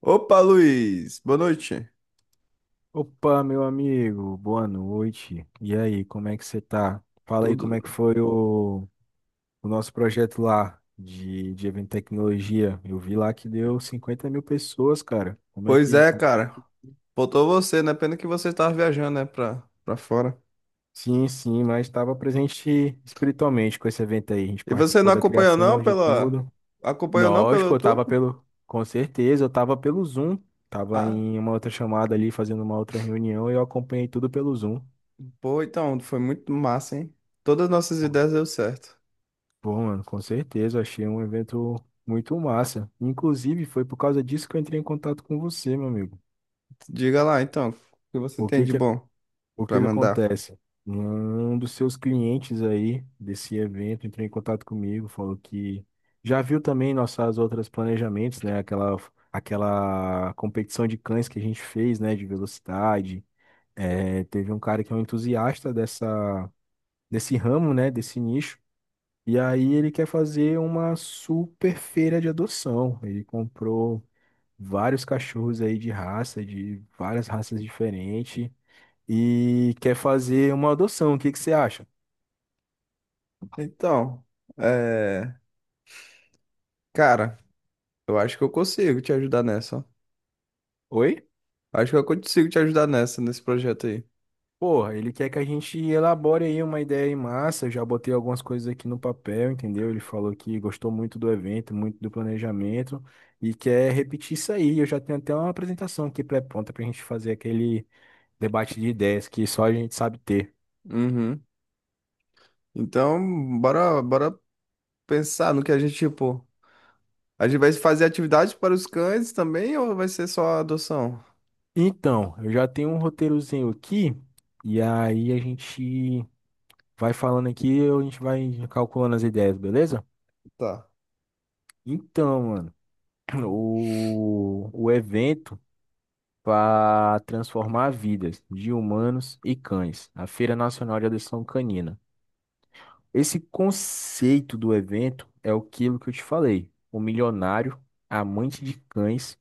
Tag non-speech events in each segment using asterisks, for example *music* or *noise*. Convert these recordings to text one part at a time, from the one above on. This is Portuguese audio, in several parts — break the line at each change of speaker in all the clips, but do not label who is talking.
Opa, Luiz, boa noite.
Opa, meu amigo, boa noite. E aí, como é que você tá? Fala aí como é que
Tudo?
foi o nosso projeto lá de evento e tecnologia. Eu vi lá que deu 50 mil pessoas, cara. Como é
Pois
que.
é,
Como-
cara. Faltou você, né? Pena que você estava viajando, né, pra fora.
Sim, sim, mas estava presente espiritualmente com esse evento aí. A gente
E você não
participou da
acompanhou não
criação de
pela
tudo.
acompanhou não pelo
Lógico, eu
YouTube?
tava pelo. Com certeza, eu tava pelo Zoom. Tava
Ah,
em uma outra chamada ali, fazendo uma outra reunião, e eu acompanhei tudo pelo Zoom.
pô, então, foi muito massa, hein? Todas as nossas ideias deu certo.
Pô, mano, com certeza, eu achei um evento muito massa. Inclusive, foi por causa disso que eu entrei em contato com você, meu amigo.
Diga lá, então, o que você
O
tem
que
de
que,
bom
o
pra
que que
mandar?
acontece? Um dos seus clientes aí desse evento entrou em contato comigo, falou que já viu também nossas outras planejamentos, né? Aquela competição de cães que a gente fez, né? De velocidade. É, teve um cara que é um entusiasta desse ramo, né? Desse nicho. E aí ele quer fazer uma super feira de adoção. Ele comprou vários cachorros aí de raça, de várias raças diferentes, e quer fazer uma adoção. O que que você acha?
Então, é, cara, eu acho que eu consigo te ajudar nessa, ó.
Oi?
Acho que eu consigo te ajudar nessa nesse projeto aí.
Porra, ele quer que a gente elabore aí uma ideia em massa. Eu já botei algumas coisas aqui no papel, entendeu? Ele falou que gostou muito do evento, muito do planejamento e quer repetir isso aí. Eu já tenho até uma apresentação aqui pré-pronta pra gente fazer aquele debate de ideias que só a gente sabe ter.
Uhum. Então, bora pensar no que a gente, tipo, a gente vai fazer atividades para os cães também ou vai ser só adoção?
Então, eu já tenho um roteirozinho aqui, e aí a gente vai falando aqui, a gente vai calculando as ideias, beleza?
Tá.
Então, mano, *clears throat* o evento para transformar vidas de humanos e cães, a Feira Nacional de Adoção Canina. Esse conceito do evento é aquilo que eu te falei, o milionário, amante de cães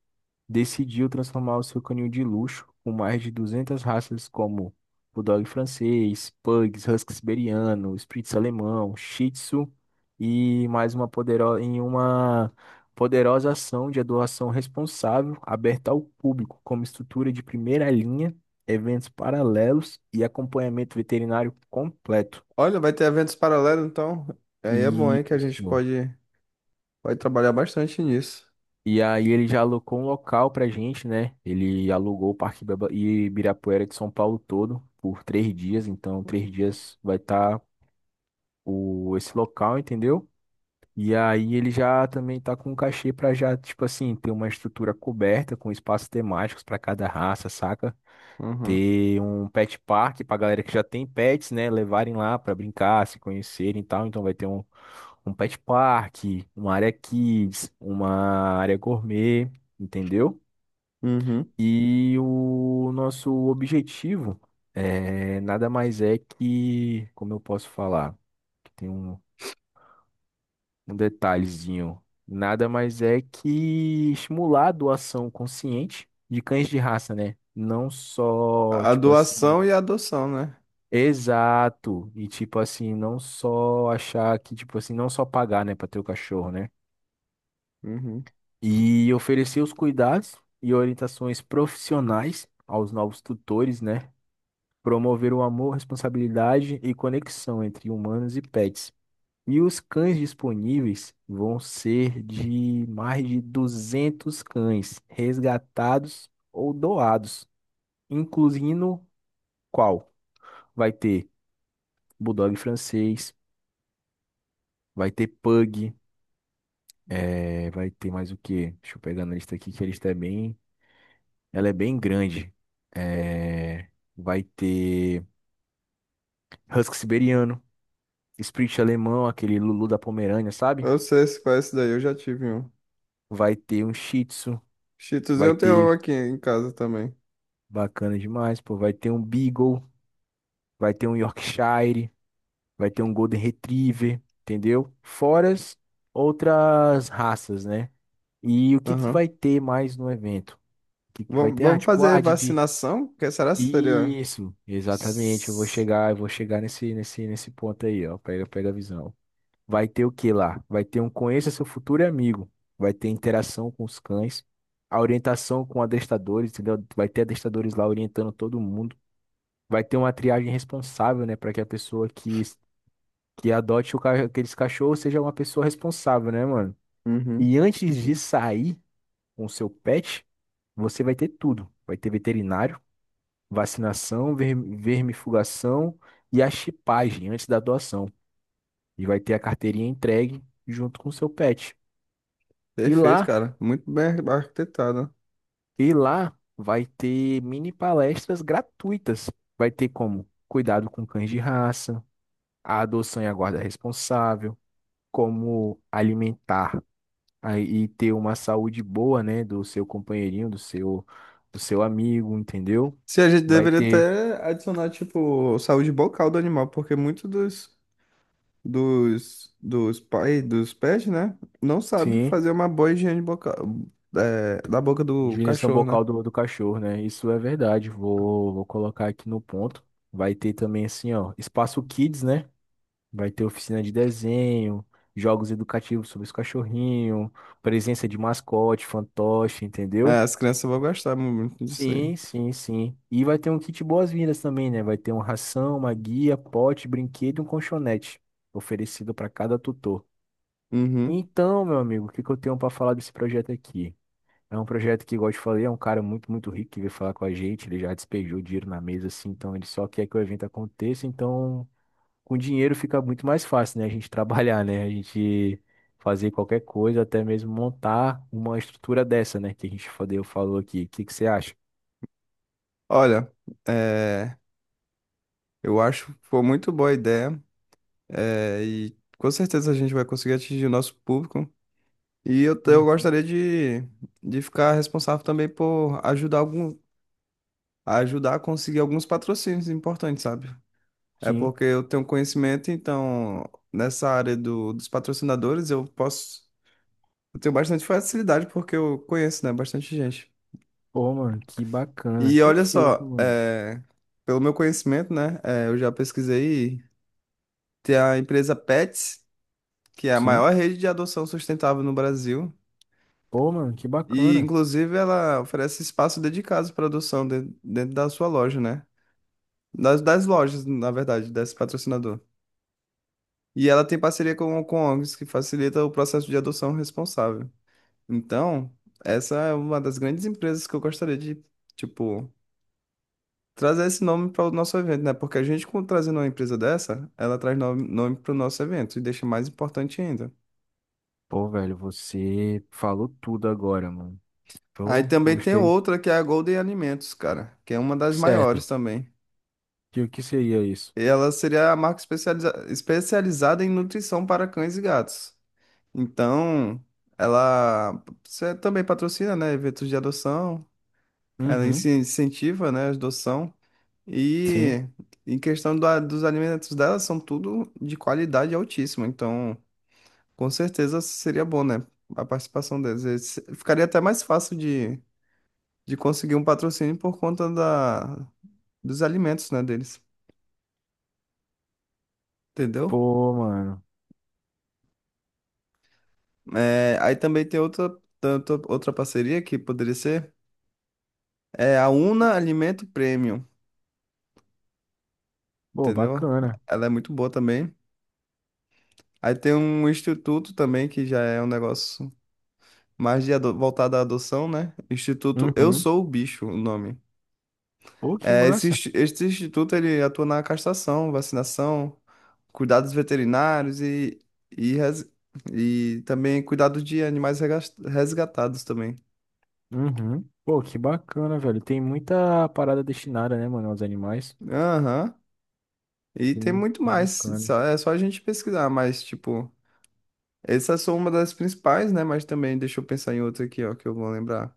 decidiu transformar o seu canil de luxo com mais de 200 raças como Bulldog francês, Pugs, Husky siberiano, Spitz alemão, Shih Tzu e mais uma poderosa em uma poderosa ação de doação responsável aberta ao público como estrutura de primeira linha, eventos paralelos e acompanhamento veterinário completo.
Olha, vai ter eventos paralelos, então. Aí é bom, hein, que
Isso.
pode trabalhar bastante nisso.
E aí ele já alocou um local pra gente, né? Ele alugou o Parque Ibirapuera de São Paulo todo por 3 dias. Então, 3 dias vai estar o esse local, entendeu? E aí ele já também tá com um cachê pra já, tipo assim, ter uma estrutura coberta com espaços temáticos pra cada raça, saca?
Uhum.
Ter um pet park pra galera que já tem pets, né? Levarem lá pra brincar, se conhecerem e tal. Então vai ter um pet park, uma área kids, uma área gourmet, entendeu?
Uhum.
E o nosso objetivo é nada mais é que, como eu posso falar, que tem um detalhezinho, nada mais é que estimular a doação consciente de cães de raça, né? Não só,
A
tipo assim,
doação e a adoção, né?
exato, e tipo assim, não só achar que, tipo assim, não só pagar, né, para ter o cachorro, né?
Uhum.
E oferecer os cuidados e orientações profissionais aos novos tutores, né? Promover o amor, responsabilidade e conexão entre humanos e pets. E os cães disponíveis vão ser de mais de 200 cães resgatados ou doados, incluindo qual? Vai ter Bulldog francês, vai ter Pug, vai ter mais o quê? Deixa eu pegar na lista aqui que a lista é bem, ela é bem grande. Eh, Vai ter Husky siberiano, Spitz alemão, aquele Lulu da Pomerânia, sabe?
Eu sei se conhece daí, eu já tive um.
Vai ter um Shih Tzu, vai
Chitozinho tem um
ter
aqui em casa também.
bacana demais, pô, vai ter um Beagle, vai ter um Yorkshire, vai ter um Golden Retriever, entendeu? Fora as outras raças, né? E o que que
Aham.
vai ter mais no evento? O que que vai
Vamos
ter? Ah,
vamos
tipo,
fazer
ah, Didi.
vacinação? Que será que seria?
Isso, exatamente.
S-
Eu vou chegar nesse ponto aí, ó. Pega, pega a visão. Vai ter o que lá? Vai ter um conheça seu futuro amigo. Vai ter interação com os cães, a orientação com adestadores, entendeu? Vai ter adestadores lá orientando todo mundo. Vai ter uma triagem responsável, né? Para que a pessoa que adote aqueles cachorros seja uma pessoa responsável, né, mano?
Uhum.
E antes de sair com o seu pet, você vai ter tudo. Vai ter veterinário, vacinação, vermifugação e a chipagem antes da doação. E vai ter a carteirinha entregue junto com o seu pet. E
Perfeito,
lá
cara. Muito bem arquitetado.
E lá vai ter mini palestras gratuitas. Vai ter como cuidado com cães de raça, a adoção e a guarda responsável, como alimentar e ter uma saúde boa, né, do seu companheirinho, do seu amigo, entendeu?
Se a gente
Vai
deveria
ter,
até adicionar, tipo, saúde bucal do animal, porque dos pais, dos pets, né, não sabe
sim,
fazer uma boa higiene bucal, é, da boca do
higienização
cachorro, né?
bucal do cachorro, né? Isso é verdade. Vou colocar aqui no ponto. Vai ter também assim, ó, espaço kids, né? Vai ter oficina de desenho, jogos educativos sobre os cachorrinhos, presença de mascote, fantoche,
É,
entendeu?
as crianças vão gostar muito disso aí.
Sim, sim, sim. E vai ter um kit boas-vindas também, né? Vai ter uma ração, uma guia, pote, brinquedo e um colchonete oferecido para cada tutor.
Uhum.
Então, meu amigo, o que que eu tenho para falar desse projeto aqui? É um projeto que, igual eu te falei, é um cara muito, muito rico que veio falar com a gente. Ele já despejou dinheiro na mesa, assim, então ele só quer que o evento aconteça. Então, com dinheiro fica muito mais fácil, né? A gente *laughs* trabalhar, né? A gente fazer qualquer coisa, até mesmo montar uma estrutura dessa, né? Que a gente fodeu falou aqui. O que que você acha?
Olha, é, eu acho que foi muito boa a ideia, é, e com certeza a gente vai conseguir atingir o nosso público. E eu
Uhum.
gostaria de ficar responsável também por ajudar algum a ajudar a conseguir alguns patrocínios importantes, sabe? É
Sim.
porque eu tenho conhecimento, então nessa área dos patrocinadores eu tenho bastante facilidade porque eu conheço, né, bastante gente.
Pô, mano, que bacana.
E olha
Perfeito,
só,
mano.
é, pelo meu conhecimento, né, é, eu já pesquisei, tem a empresa Pets, que é a
Sim.
maior rede de adoção sustentável no Brasil.
Pô, mano, que
E,
bacana.
inclusive, ela oferece espaço dedicado para adoção dentro da sua loja, né? Das lojas, na verdade, desse patrocinador. E ela tem parceria com ONGs que facilita o processo de adoção responsável. Então, essa é uma das grandes empresas que eu gostaria de, tipo, trazer esse nome para o nosso evento, né? Porque a gente, com- trazendo uma empresa dessa, ela traz nome, nome para o nosso evento e deixa mais importante ainda.
Pô, velho, você falou tudo agora, mano.
Aí
Pô,
também tem
gostei.
outra que é a Golden Alimentos, cara, que é uma das maiores
Certo.
também.
Que o que seria isso?
E ela seria a marca especializada em nutrição para cães e gatos. Então, ela você também patrocina, né, eventos de adoção. Ela inci-
Uhum.
incentiva, né, a adoção.
Sim.
E em questão da- dos alimentos dela, são tudo de qualidade altíssima. Então, com certeza seria bom, né, a participação deles. E se- Ficaria até mais fácil de conseguir um patrocínio por conta da, dos alimentos, né, deles. Entendeu?
Pô, mano.
É, aí também tem outra, tanto- outra parceria que poderia ser é a Una Alimento Premium,
Pô,
entendeu?
bacana.
Ela é muito boa também. Aí tem um instituto também que já é um negócio mais de ado- voltada à adoção, né? Instituto Eu
Uhum.
Sou o Bicho, o nome.
Pô, que
É, esse,
massa.
insti- esse instituto ele atua na castração, vacinação, cuidados veterinários res- e também cuidado de animais regas- resgatados também.
Uhum. Pô, que bacana, velho. Tem muita parada destinada, né, mano, aos animais.
Aham. E tem
Sim,
muito
que
mais,
bacana.
só- é só a gente pesquisar, mas tipo, essas são uma das principais, né? Mas também deixa eu pensar em outra aqui, ó, que eu vou lembrar.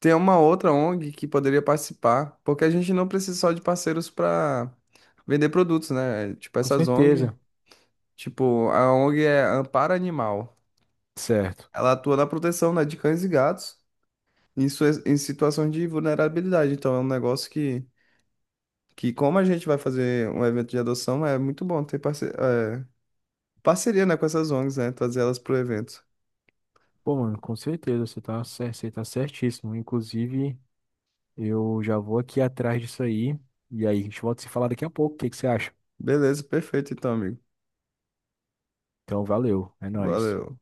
Tem uma outra ONG que poderia participar, porque a gente não precisa só de parceiros para vender produtos, né? Tipo
Com
essas ONG,
certeza.
tipo a ONG é Amparo Animal.
Certo.
Ela atua na proteção, né, de cães e gatos em, suas- em situações de vulnerabilidade. Então é um negócio que como a gente vai fazer um evento de adoção, é muito bom ter parceria, né, com essas ONGs, né? Trazer elas pro evento.
Pô, mano, com certeza, você tá, você tá certíssimo. Inclusive, eu já vou aqui atrás disso aí. E aí, a gente volta a se falar daqui a pouco. O que que você acha?
Beleza, perfeito então, amigo.
Então, valeu. É nóis.
Valeu.